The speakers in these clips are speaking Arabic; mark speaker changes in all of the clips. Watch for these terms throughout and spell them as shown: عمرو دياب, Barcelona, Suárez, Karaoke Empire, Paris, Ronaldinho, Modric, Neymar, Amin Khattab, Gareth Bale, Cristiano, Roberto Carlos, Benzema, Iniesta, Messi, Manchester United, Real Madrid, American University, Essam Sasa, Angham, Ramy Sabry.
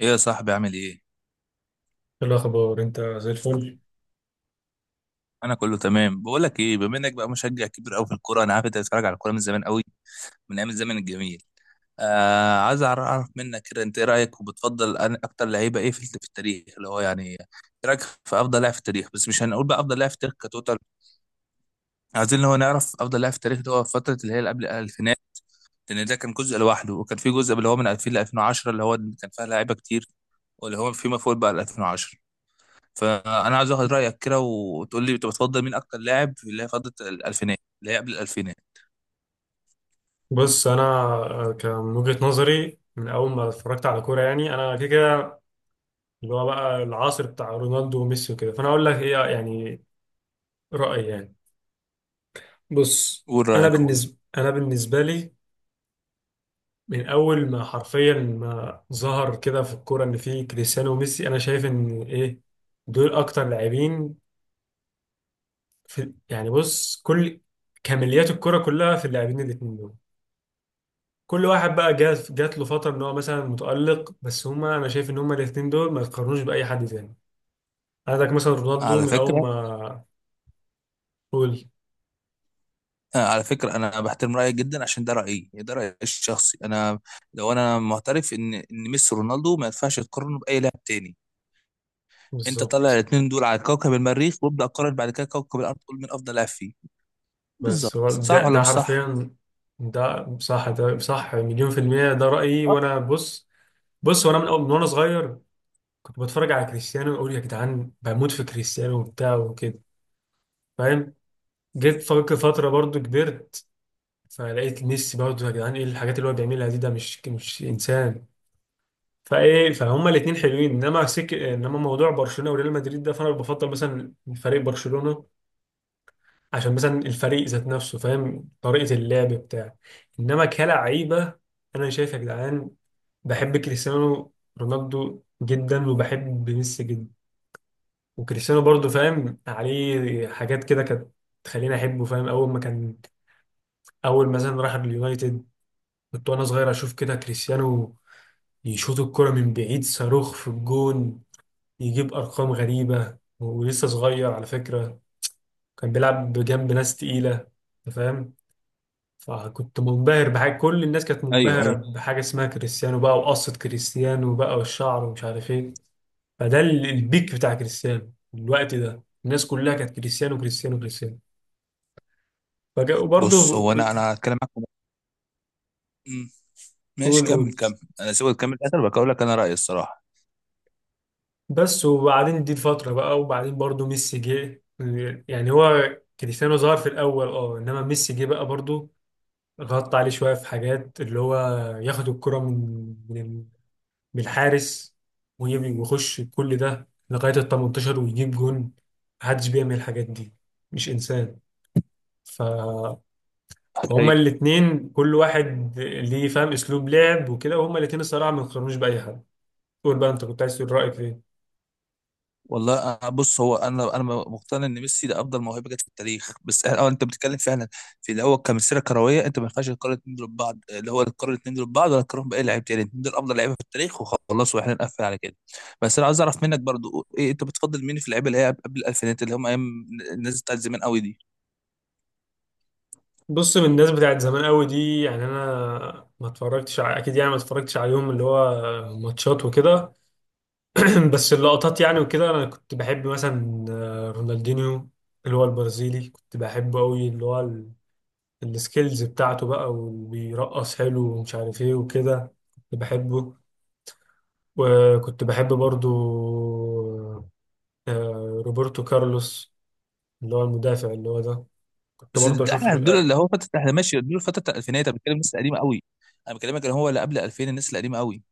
Speaker 1: ايه يا صاحبي، عامل ايه؟
Speaker 2: إيه الأخبار؟ أنت زي الفل.
Speaker 1: انا كله تمام. بقول لك ايه، بما انك بقى مشجع كبير قوي في الكوره، انا عارف انت بتتفرج على الكوره من زمان قوي، من ايام الزمن الجميل. عايز اعرف منك كده انت ايه رايك، وبتفضل اكتر لعيبه ايه في التاريخ، اللي هو يعني ايه رايك في افضل لاعب في التاريخ؟ بس مش هنقول بقى افضل لاعب في التاريخ كتوتال. عايزين اللي هو نعرف افضل لاعب في التاريخ اللي هو في فتره اللي هي اللي قبل الالفينات، لان ده كان جزء لوحده، وكان في جزء اللي هو من 2000 ل 2010 اللي هو كان فيها لعيبه كتير، واللي هو فيما فوق بقى ل 2010. فانا عايز اخد رايك كده وتقول لي انت بتفضل مين اكتر لاعب في اللي هي فتره الالفينات اللي هي قبل الالفينات.
Speaker 2: بص، أنا كان من وجهة نظري من أول ما اتفرجت على كورة، يعني أنا كده كده اللي هو بقى العصر بتاع رونالدو وميسي وكده. فأنا أقول لك إيه يعني، رأيي يعني. بص.
Speaker 1: قول
Speaker 2: أنا
Speaker 1: رايك يا اخويا.
Speaker 2: بالنسبة أنا بالنسبة لي من أول ما حرفيا ما ظهر كده في الكورة إن في كريستيانو وميسي، أنا شايف إن إيه، دول أكتر لاعبين في، يعني بص، كل كماليات الكورة كلها في اللاعبين الاتنين دول. كل واحد بقى جات له فتره ان هو مثلا متالق، بس هما، انا شايف ان هما الاثنين دول ما يتقارنوش باي حد تاني. عندك مثلا رونالدو
Speaker 1: على
Speaker 2: من اول
Speaker 1: فكره،
Speaker 2: ما قول.
Speaker 1: على فكره، انا بحترم رايك جدا، عشان ده رايي، ده رايي الشخصي انا. لو انا معترف ان ميسي ورونالدو ما ينفعش تقارنه باي لاعب تاني، انت طلع
Speaker 2: بالظبط.
Speaker 1: الاثنين دول على كوكب المريخ، وابدا قارن بعد كده كوكب الارض تقول مين افضل لاعب فيه.
Speaker 2: بس
Speaker 1: بالظبط،
Speaker 2: هو ده
Speaker 1: صح ولا
Speaker 2: ده
Speaker 1: مش صح؟
Speaker 2: حرفيا، ده صح، ده صح مليون في المية. ده رأيي
Speaker 1: آه.
Speaker 2: وأنا بص. بص، وأنا من أول من وأنا صغير كنت بتفرج على كريستيانو وأقول يا جدعان، بموت في كريستيانو وبتاع وكده، فاهم. جيت فك فترة برضو كبرت، فلقيت ميسي، برضو يا جدعان، إيه الحاجات اللي هو بيعملها دي، ده مش إنسان. فايه، فهما الاثنين حلوين، انما موضوع برشلونه وريال مدريد ده، فانا بفضل مثلا فريق برشلونه، عشان مثلا الفريق ذات نفسه فاهم طريقه اللعب بتاع. انما كلاعيبه، انا شايف يا جدعان، بحب كريستيانو رونالدو جدا وبحب ميسي جدا. وكريستيانو برضو فاهم عليه حاجات كده كانت تخليني احبه، فاهم. اول ما كان، اول مثلا راح اليونايتد، كنت وانا صغير اشوف كده كريستيانو يشوط الكرة من بعيد صاروخ في الجون، يجيب ارقام غريبه ولسه صغير، على فكره كان بيلعب جنب ناس تقيله، انت فاهم. فكنت منبهر بحاجه، كل الناس كانت
Speaker 1: ايوه،
Speaker 2: منبهره
Speaker 1: ايوه.
Speaker 2: بحاجه اسمها كريستيانو بقى، وقصه كريستيانو بقى والشعر ومش عارف ايه. فده البيك بتاع كريستيانو الوقت ده، الناس كلها كانت كريستيانو كريستيانو كريستيانو. فجاء
Speaker 1: بص
Speaker 2: وبرضه،
Speaker 1: هو انا هتكلم معاك. مم. ماشي،
Speaker 2: قول
Speaker 1: كمل
Speaker 2: قول.
Speaker 1: كمل، انا سيبك تكمل الاخر، بقول لك انا رايي الصراحه.
Speaker 2: بس وبعدين دي الفترة بقى، وبعدين برضه ميسي جه، يعني هو كريستيانو ظهر في الأول اه، إنما ميسي جه بقى برضه غطى عليه شوية في حاجات اللي هو ياخد الكرة من من الحارس، ويخش كل ده لغاية ال 18 ويجيب جون. محدش بيعمل الحاجات دي، مش إنسان. ف...
Speaker 1: أيوة.
Speaker 2: فهما الاتنين كل واحد ليه فاهم أسلوب لعب وكده، وهما الاتنين الصراحة ما يقارنوش بأي حد. قول بقى، أنت كنت عايز تقول رأيك إيه؟
Speaker 1: والله بص هو انا مقتنع ان ميسي ده افضل موهبه جت في التاريخ، بس اه انت بتتكلم فعلا في اللي هو كمسيره كرويه. انت ما ينفعش تقارن الاثنين دول ببعض، اللي هو تقارن الاثنين دول ببعض ولا تقارن باي لعيب تاني. الاثنين دول افضل لعيبه في التاريخ وخلاص، واحنا نقفل على كده. بس انا عايز اعرف منك برضو، ايه انت بتفضل مين في اللعيبه اللي هي قبل الالفينات، اللي هم ايام الناس بتاعت زمان قوي دي؟
Speaker 2: بص، من الناس بتاعت زمان قوي دي، يعني أنا ما اتفرجتش أكيد يعني ما اتفرجتش عليهم اللي هو ماتشات وكده. بس اللقطات يعني وكده، انا كنت بحب مثلا، رونالدينيو، اللي هو البرازيلي، كنت بحبه قوي، اللي هو السكيلز بتاعته بقى، وبيرقص حلو ومش عارف ايه وكده، كنت بحبه. وكنت بحب برضو روبرتو كارلوس، اللي هو المدافع اللي هو ده، كنت
Speaker 1: بس
Speaker 2: برضو
Speaker 1: ده
Speaker 2: اشوف
Speaker 1: احنا دول اللي هو فتره، احنا ماشي دول فتره الالفينات، انا بتكلم الناس القديمه قوي. انا بكلمك اللي هو اللي قبل 2000، الناس القديمه قوي،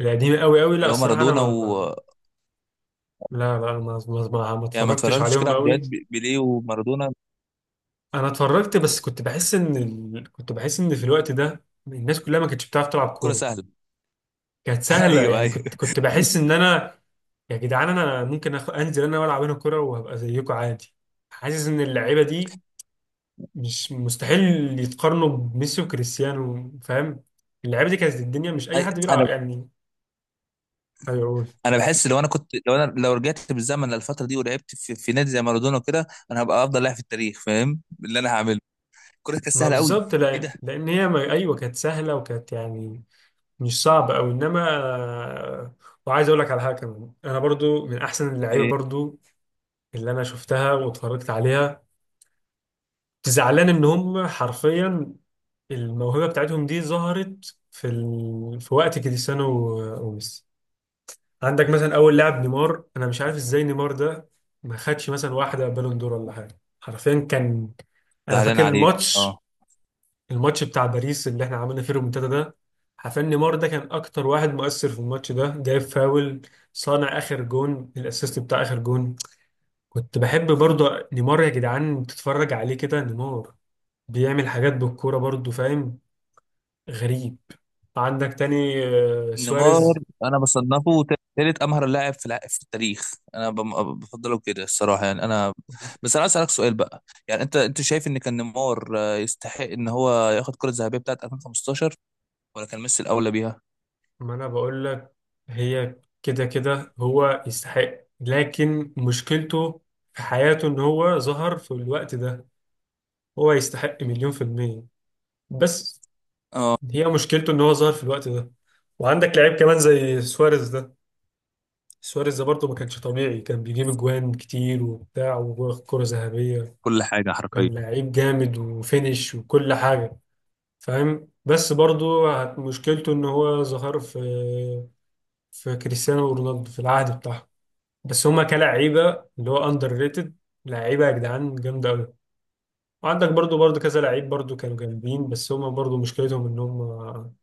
Speaker 2: القديم قوي قوي. لا
Speaker 1: اللي هو
Speaker 2: الصراحة انا
Speaker 1: مارادونا و...
Speaker 2: لا لا، ما
Speaker 1: يعني ما
Speaker 2: اتفرجتش
Speaker 1: اتفرجتش كده
Speaker 2: عليهم
Speaker 1: على
Speaker 2: قوي.
Speaker 1: فيديوهات بيليه ومارادونا؟
Speaker 2: انا اتفرجت، بس كنت بحس ان كنت بحس ان في الوقت ده الناس كلها ما كانتش بتعرف تلعب
Speaker 1: كرة
Speaker 2: كوره،
Speaker 1: سهلة.
Speaker 2: كانت سهله
Speaker 1: ايوه،
Speaker 2: يعني. كنت
Speaker 1: ايوه.
Speaker 2: كنت بحس ان انا، يا جدعان، انا ممكن انزل انا والعب هنا كوره وهبقى زيكم عادي. حاسس ان اللعيبه دي مش مستحيل يتقارنوا بميسي وكريستيانو، فاهم. اللعيبه دي كانت الدنيا، مش اي
Speaker 1: أي-
Speaker 2: حد
Speaker 1: انا
Speaker 2: بيلعب يعني. هيقول.
Speaker 1: انا بحس لو انا كنت، لو انا، لو رجعت بالزمن للفتره دي ولعبت في نادي زي مارادونا كده، انا هبقى افضل لاعب في التاريخ، فاهم اللي انا هعمله؟ الكوره كانت
Speaker 2: ما
Speaker 1: سهله قوي.
Speaker 2: بالظبط،
Speaker 1: ايه ده؟
Speaker 2: لان هي ما... ايوه، كانت سهله وكانت يعني، مش صعبه او انما. وعايز اقول لك على حاجه كمان، انا برضو من احسن اللعيبه
Speaker 1: ايه؟
Speaker 2: برضو اللي انا شفتها واتفرجت عليها، زعلان ان هم حرفيا الموهبه بتاعتهم دي ظهرت في في وقت كريستيانو وميسي. عندك مثلا اول لاعب نيمار، انا مش عارف ازاي نيمار ده ما خدش مثلا واحده بالون دور ولا حاجه. حرفيا كان، انا
Speaker 1: زعلان
Speaker 2: فاكر
Speaker 1: عليك. اه،
Speaker 2: الماتش، الماتش بتاع باريس اللي احنا عملنا فيه الريمونتادا ده، حرفيا نيمار ده كان اكتر واحد مؤثر في الماتش ده، جايب فاول، صانع اخر جون، الاسيست بتاع اخر جون. كنت بحب برضو نيمار، يا جدعان تتفرج عليه كده، نيمار بيعمل حاجات بالكورة برضو، فاهم، غريب. عندك تاني
Speaker 1: نيمار
Speaker 2: سواريز.
Speaker 1: انا بصنفه ثالث امهر لاعب في في التاريخ، انا بفضله كده الصراحه، يعني انا. بس انا عايز اسالك سؤال بقى، يعني انت شايف ان كان نيمار يستحق ان هو ياخد الكره الذهبيه بتاعت 2015، ولا كان ميسي الاولى بيها؟
Speaker 2: ما انا بقول لك، هي كده كده هو يستحق، لكن مشكلته في حياته ان هو ظهر في الوقت ده. هو يستحق مليون في المية، بس
Speaker 1: اه.
Speaker 2: هي مشكلته ان هو ظهر في الوقت ده. وعندك لعيب كمان زي سواريز ده، سواريز ده برضه ما كانش طبيعي، كان بيجيب اجوان كتير وبتاع وكرة ذهبية،
Speaker 1: كل حاجة حرفيا.
Speaker 2: كان لعيب جامد وفينش وكل حاجة، فاهم. بس برضو مشكلته ان هو ظهر في، في كريستيانو رونالدو في العهد بتاعه. بس هما كلاعيبة اللي هو اندر ريتد، لعيبة يا جدعان جامدة قوي. وعندك برضو كذا لعيب برضو كانوا جامدين، بس هما برضو مشكلتهم ان هما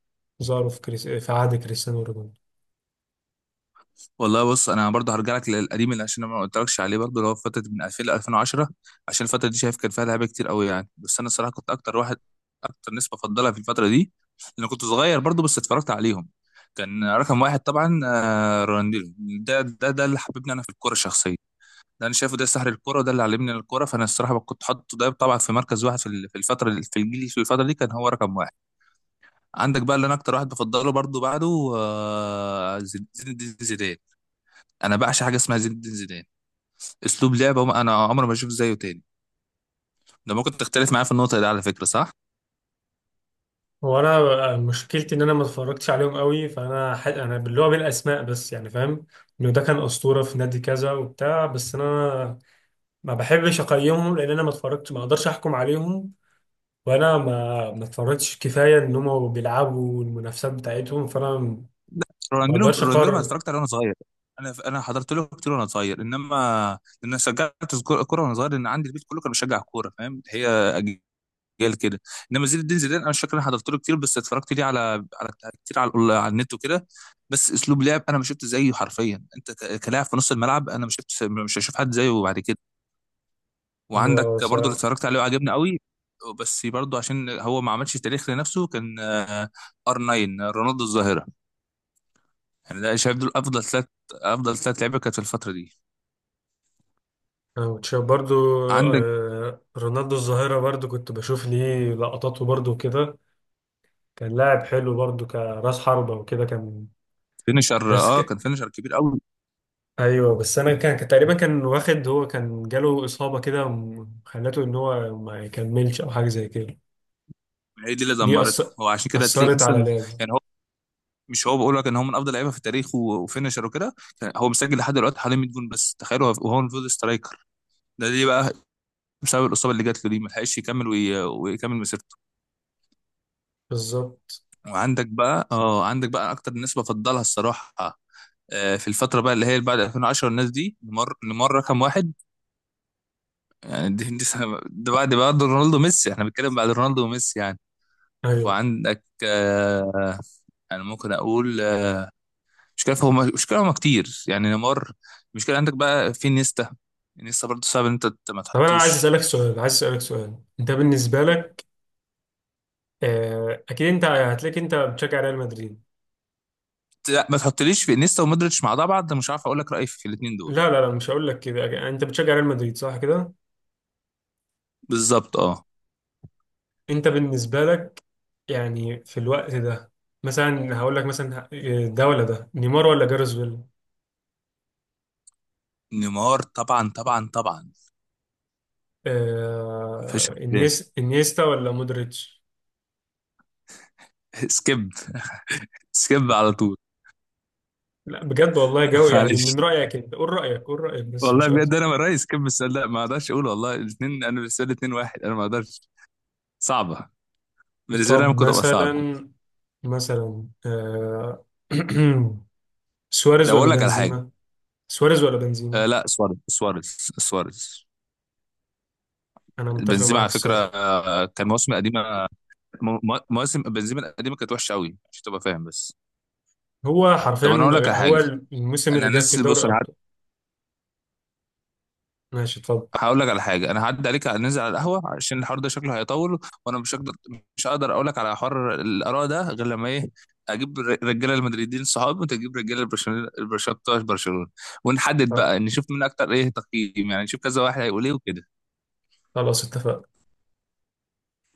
Speaker 2: ظهروا في في عهد كريستيانو رونالدو.
Speaker 1: والله بص، انا برضه هرجع لك للقديم اللي عشان أنا ما قلتلكش عليه برضه، اللي هو فتره من 2000 ل 2010، عشان الفتره دي شايف كان فيها لعيبه كتير قوي يعني. بس انا الصراحه كنت اكتر واحد، اكتر ناس بفضلها في الفتره دي، لان كنت صغير برضه بس اتفرجت عليهم. كان رقم واحد طبعا، رونالدينيو. ده اللي حببني انا في الكوره الشخصيه، ده انا شايفه ده سحر الكوره، وده اللي علمني الكوره. فانا الصراحه كنت حاطه ده طبعا في مركز واحد، في في الفتره، في الجيل، في الفتره دي كان هو رقم واحد. عندك بقى اللي انا اكتر واحد بفضله برضه بعده زين الدين زيدان. انا بعشق حاجه اسمها زين الدين زيدان، اسلوب لعبه. انا عمري ما اشوف زيه تاني، ده ممكن تختلف معايا في النقطه دي على فكره، صح؟
Speaker 2: وانا بقى مشكلتي ان انا ما اتفرجتش عليهم قوي، فانا انا اللي هو بالاسماء بس يعني، فاهم انه ده كان اسطوره في نادي كذا وبتاع، بس انا ما بحبش اقيمهم لان انا ما اتفرجتش، ما اقدرش احكم عليهم. وانا ما اتفرجتش كفايه ان هم بيلعبوا المنافسات بتاعتهم، فانا ما
Speaker 1: رونالدينو
Speaker 2: اقدرش
Speaker 1: رونالدينو ما
Speaker 2: اقرر.
Speaker 1: اتفرجت عليه وانا صغير، انا حضرت له كتير وانا صغير، انما انا شجعت كورة وانا صغير، لان عندي البيت كله كان بيشجع كوره، فاهم؟ هي اجيال كده. انما زين الدين زيدان انا مش فاكر انا حضرت له كتير، بس اتفرجت ليه على كتير، على على النت وكده. بس اسلوب لعب انا ما شفت زيه حرفيا، انت كلاعب في نص الملعب انا ما شفت، مش هشوف حد زيه بعد كده.
Speaker 2: هو
Speaker 1: وعندك
Speaker 2: س-
Speaker 1: برضو اللي اتفرجت عليه وعجبني قوي، بس برضو عشان هو ما عملش تاريخ لنفسه، كان ار 9 رونالدو الظاهره. يعني ده شايف دول افضل ثلاث، افضل ثلاث لعيبه كانت في الفتره دي.
Speaker 2: أنا كنت شايف برضو
Speaker 1: عندك
Speaker 2: رونالدو الظاهره، برضو كنت بشوف ليه لقطاته برضو كده، كان لاعب حلو برضو، كراس حربه وكده كان.
Speaker 1: فينيشر،
Speaker 2: بس
Speaker 1: اه كان فينيشر كبير قوي،
Speaker 2: ايوه، بس انا كان تقريبا كان واخد، هو كان جاله اصابه كده خلته ان هو ما يكملش او حاجه زي كده.
Speaker 1: هي دي اللي
Speaker 2: دي
Speaker 1: دمرته هو، عشان كده تلاقي
Speaker 2: اثرت على
Speaker 1: مثلا
Speaker 2: لعبه.
Speaker 1: يعني هو، مش هو بقول لك ان هو من افضل لعيبه في التاريخ وفينيشر وكده، كان هو مسجل لحد دلوقتي حوالي 100 جون بس، تخيلوا هو وهو المفروض سترايكر. ده ليه بقى؟ بسبب الاصابه اللي جات له دي، ما لحقش يكمل ويكمل مسيرته.
Speaker 2: بالظبط.
Speaker 1: وعندك بقى اه، عندك بقى اكتر الناس بفضلها الصراحه، في الفترة بقى اللي هي اللي بعد 2010، الناس دي نمر رقم واحد، يعني دي سنة، ده بعد رونالدو وميسي، احنا بنتكلم بعد رونالدو وميسي يعني.
Speaker 2: ايوه.
Speaker 1: وعندك انا ممكن اقول، مش كده هم كتير يعني نمر. المشكلة عندك بقى في نيستا، نيستا برضه صعب ان انت ما
Speaker 2: طب انا عايز
Speaker 1: تحطوش.
Speaker 2: اسالك سؤال، عايز اسالك سؤال، انت بالنسبه لك، اكيد انت هتلاقيك انت بتشجع ريال مدريد.
Speaker 1: لا، ما تحطليش في نيستا ومودريتش مع بعض، مش عارف اقول لك رأيي في الاثنين دول.
Speaker 2: لا لا لا، مش هقول لك كده. انت بتشجع ريال مدريد صح كده؟
Speaker 1: بالظبط، اه.
Speaker 2: انت بالنسبه لك، يعني في الوقت ده، مثلا هقول لك مثلا، ده ولا ده، نيمار ولا جارس بيل؟
Speaker 1: نيمار طبعا طبعا طبعا، مفيش اختلاف.
Speaker 2: انيستا ولا مودريتش؟
Speaker 1: سكيب، سكيب على طول.
Speaker 2: لا بجد والله جو، يعني
Speaker 1: معلش.
Speaker 2: من رايك انت، قول رايك، قول رايك بس
Speaker 1: والله
Speaker 2: مش
Speaker 1: بجد
Speaker 2: اكتر.
Speaker 1: انا رئيس كم السؤال ده، ما اقدرش اقول والله، الاثنين انا بالنسبه لي اثنين واحد، انا ما اقدرش، صعبه. بالنسبه لي انا
Speaker 2: طب
Speaker 1: كنت ابقى صعب.
Speaker 2: مثلا سواريز
Speaker 1: ده
Speaker 2: ولا
Speaker 1: بقول لك على حاجه.
Speaker 2: بنزيما؟ سواريز ولا
Speaker 1: آه
Speaker 2: بنزيما؟
Speaker 1: لا، سواريز، سواريز، سواريز.
Speaker 2: انا متفق
Speaker 1: بنزيما
Speaker 2: معاك
Speaker 1: على فكره،
Speaker 2: الصراحه.
Speaker 1: آه كان مواسم قديمه، مواسم بنزيما القديمه كانت وحشه قوي، عشان تبقى فاهم بس.
Speaker 2: هو
Speaker 1: طب انا
Speaker 2: حرفيا،
Speaker 1: اقول لك على
Speaker 2: هو
Speaker 1: حاجه،
Speaker 2: الموسم
Speaker 1: انا
Speaker 2: اللي جاب فيه
Speaker 1: هنزل،
Speaker 2: دوري
Speaker 1: بص
Speaker 2: الابطال. ماشي اتفضل.
Speaker 1: هقول لك على حاجه، انا هعدي عليك ننزل على القهوه، عشان الحوار ده شكله هيطول وانا مش هقدر، مش هقدر اقول لك على حوار الاراء ده غير لما ايه، اجيب رجاله المدريدين صحابي، وانت تجيب رجاله البرشلونه، بتوع برشلونه، ونحدد
Speaker 2: آه،
Speaker 1: بقى نشوف مين اكتر ايه تقييم، يعني نشوف كذا واحد هيقول ايه وكده.
Speaker 2: خلاص اتفقنا.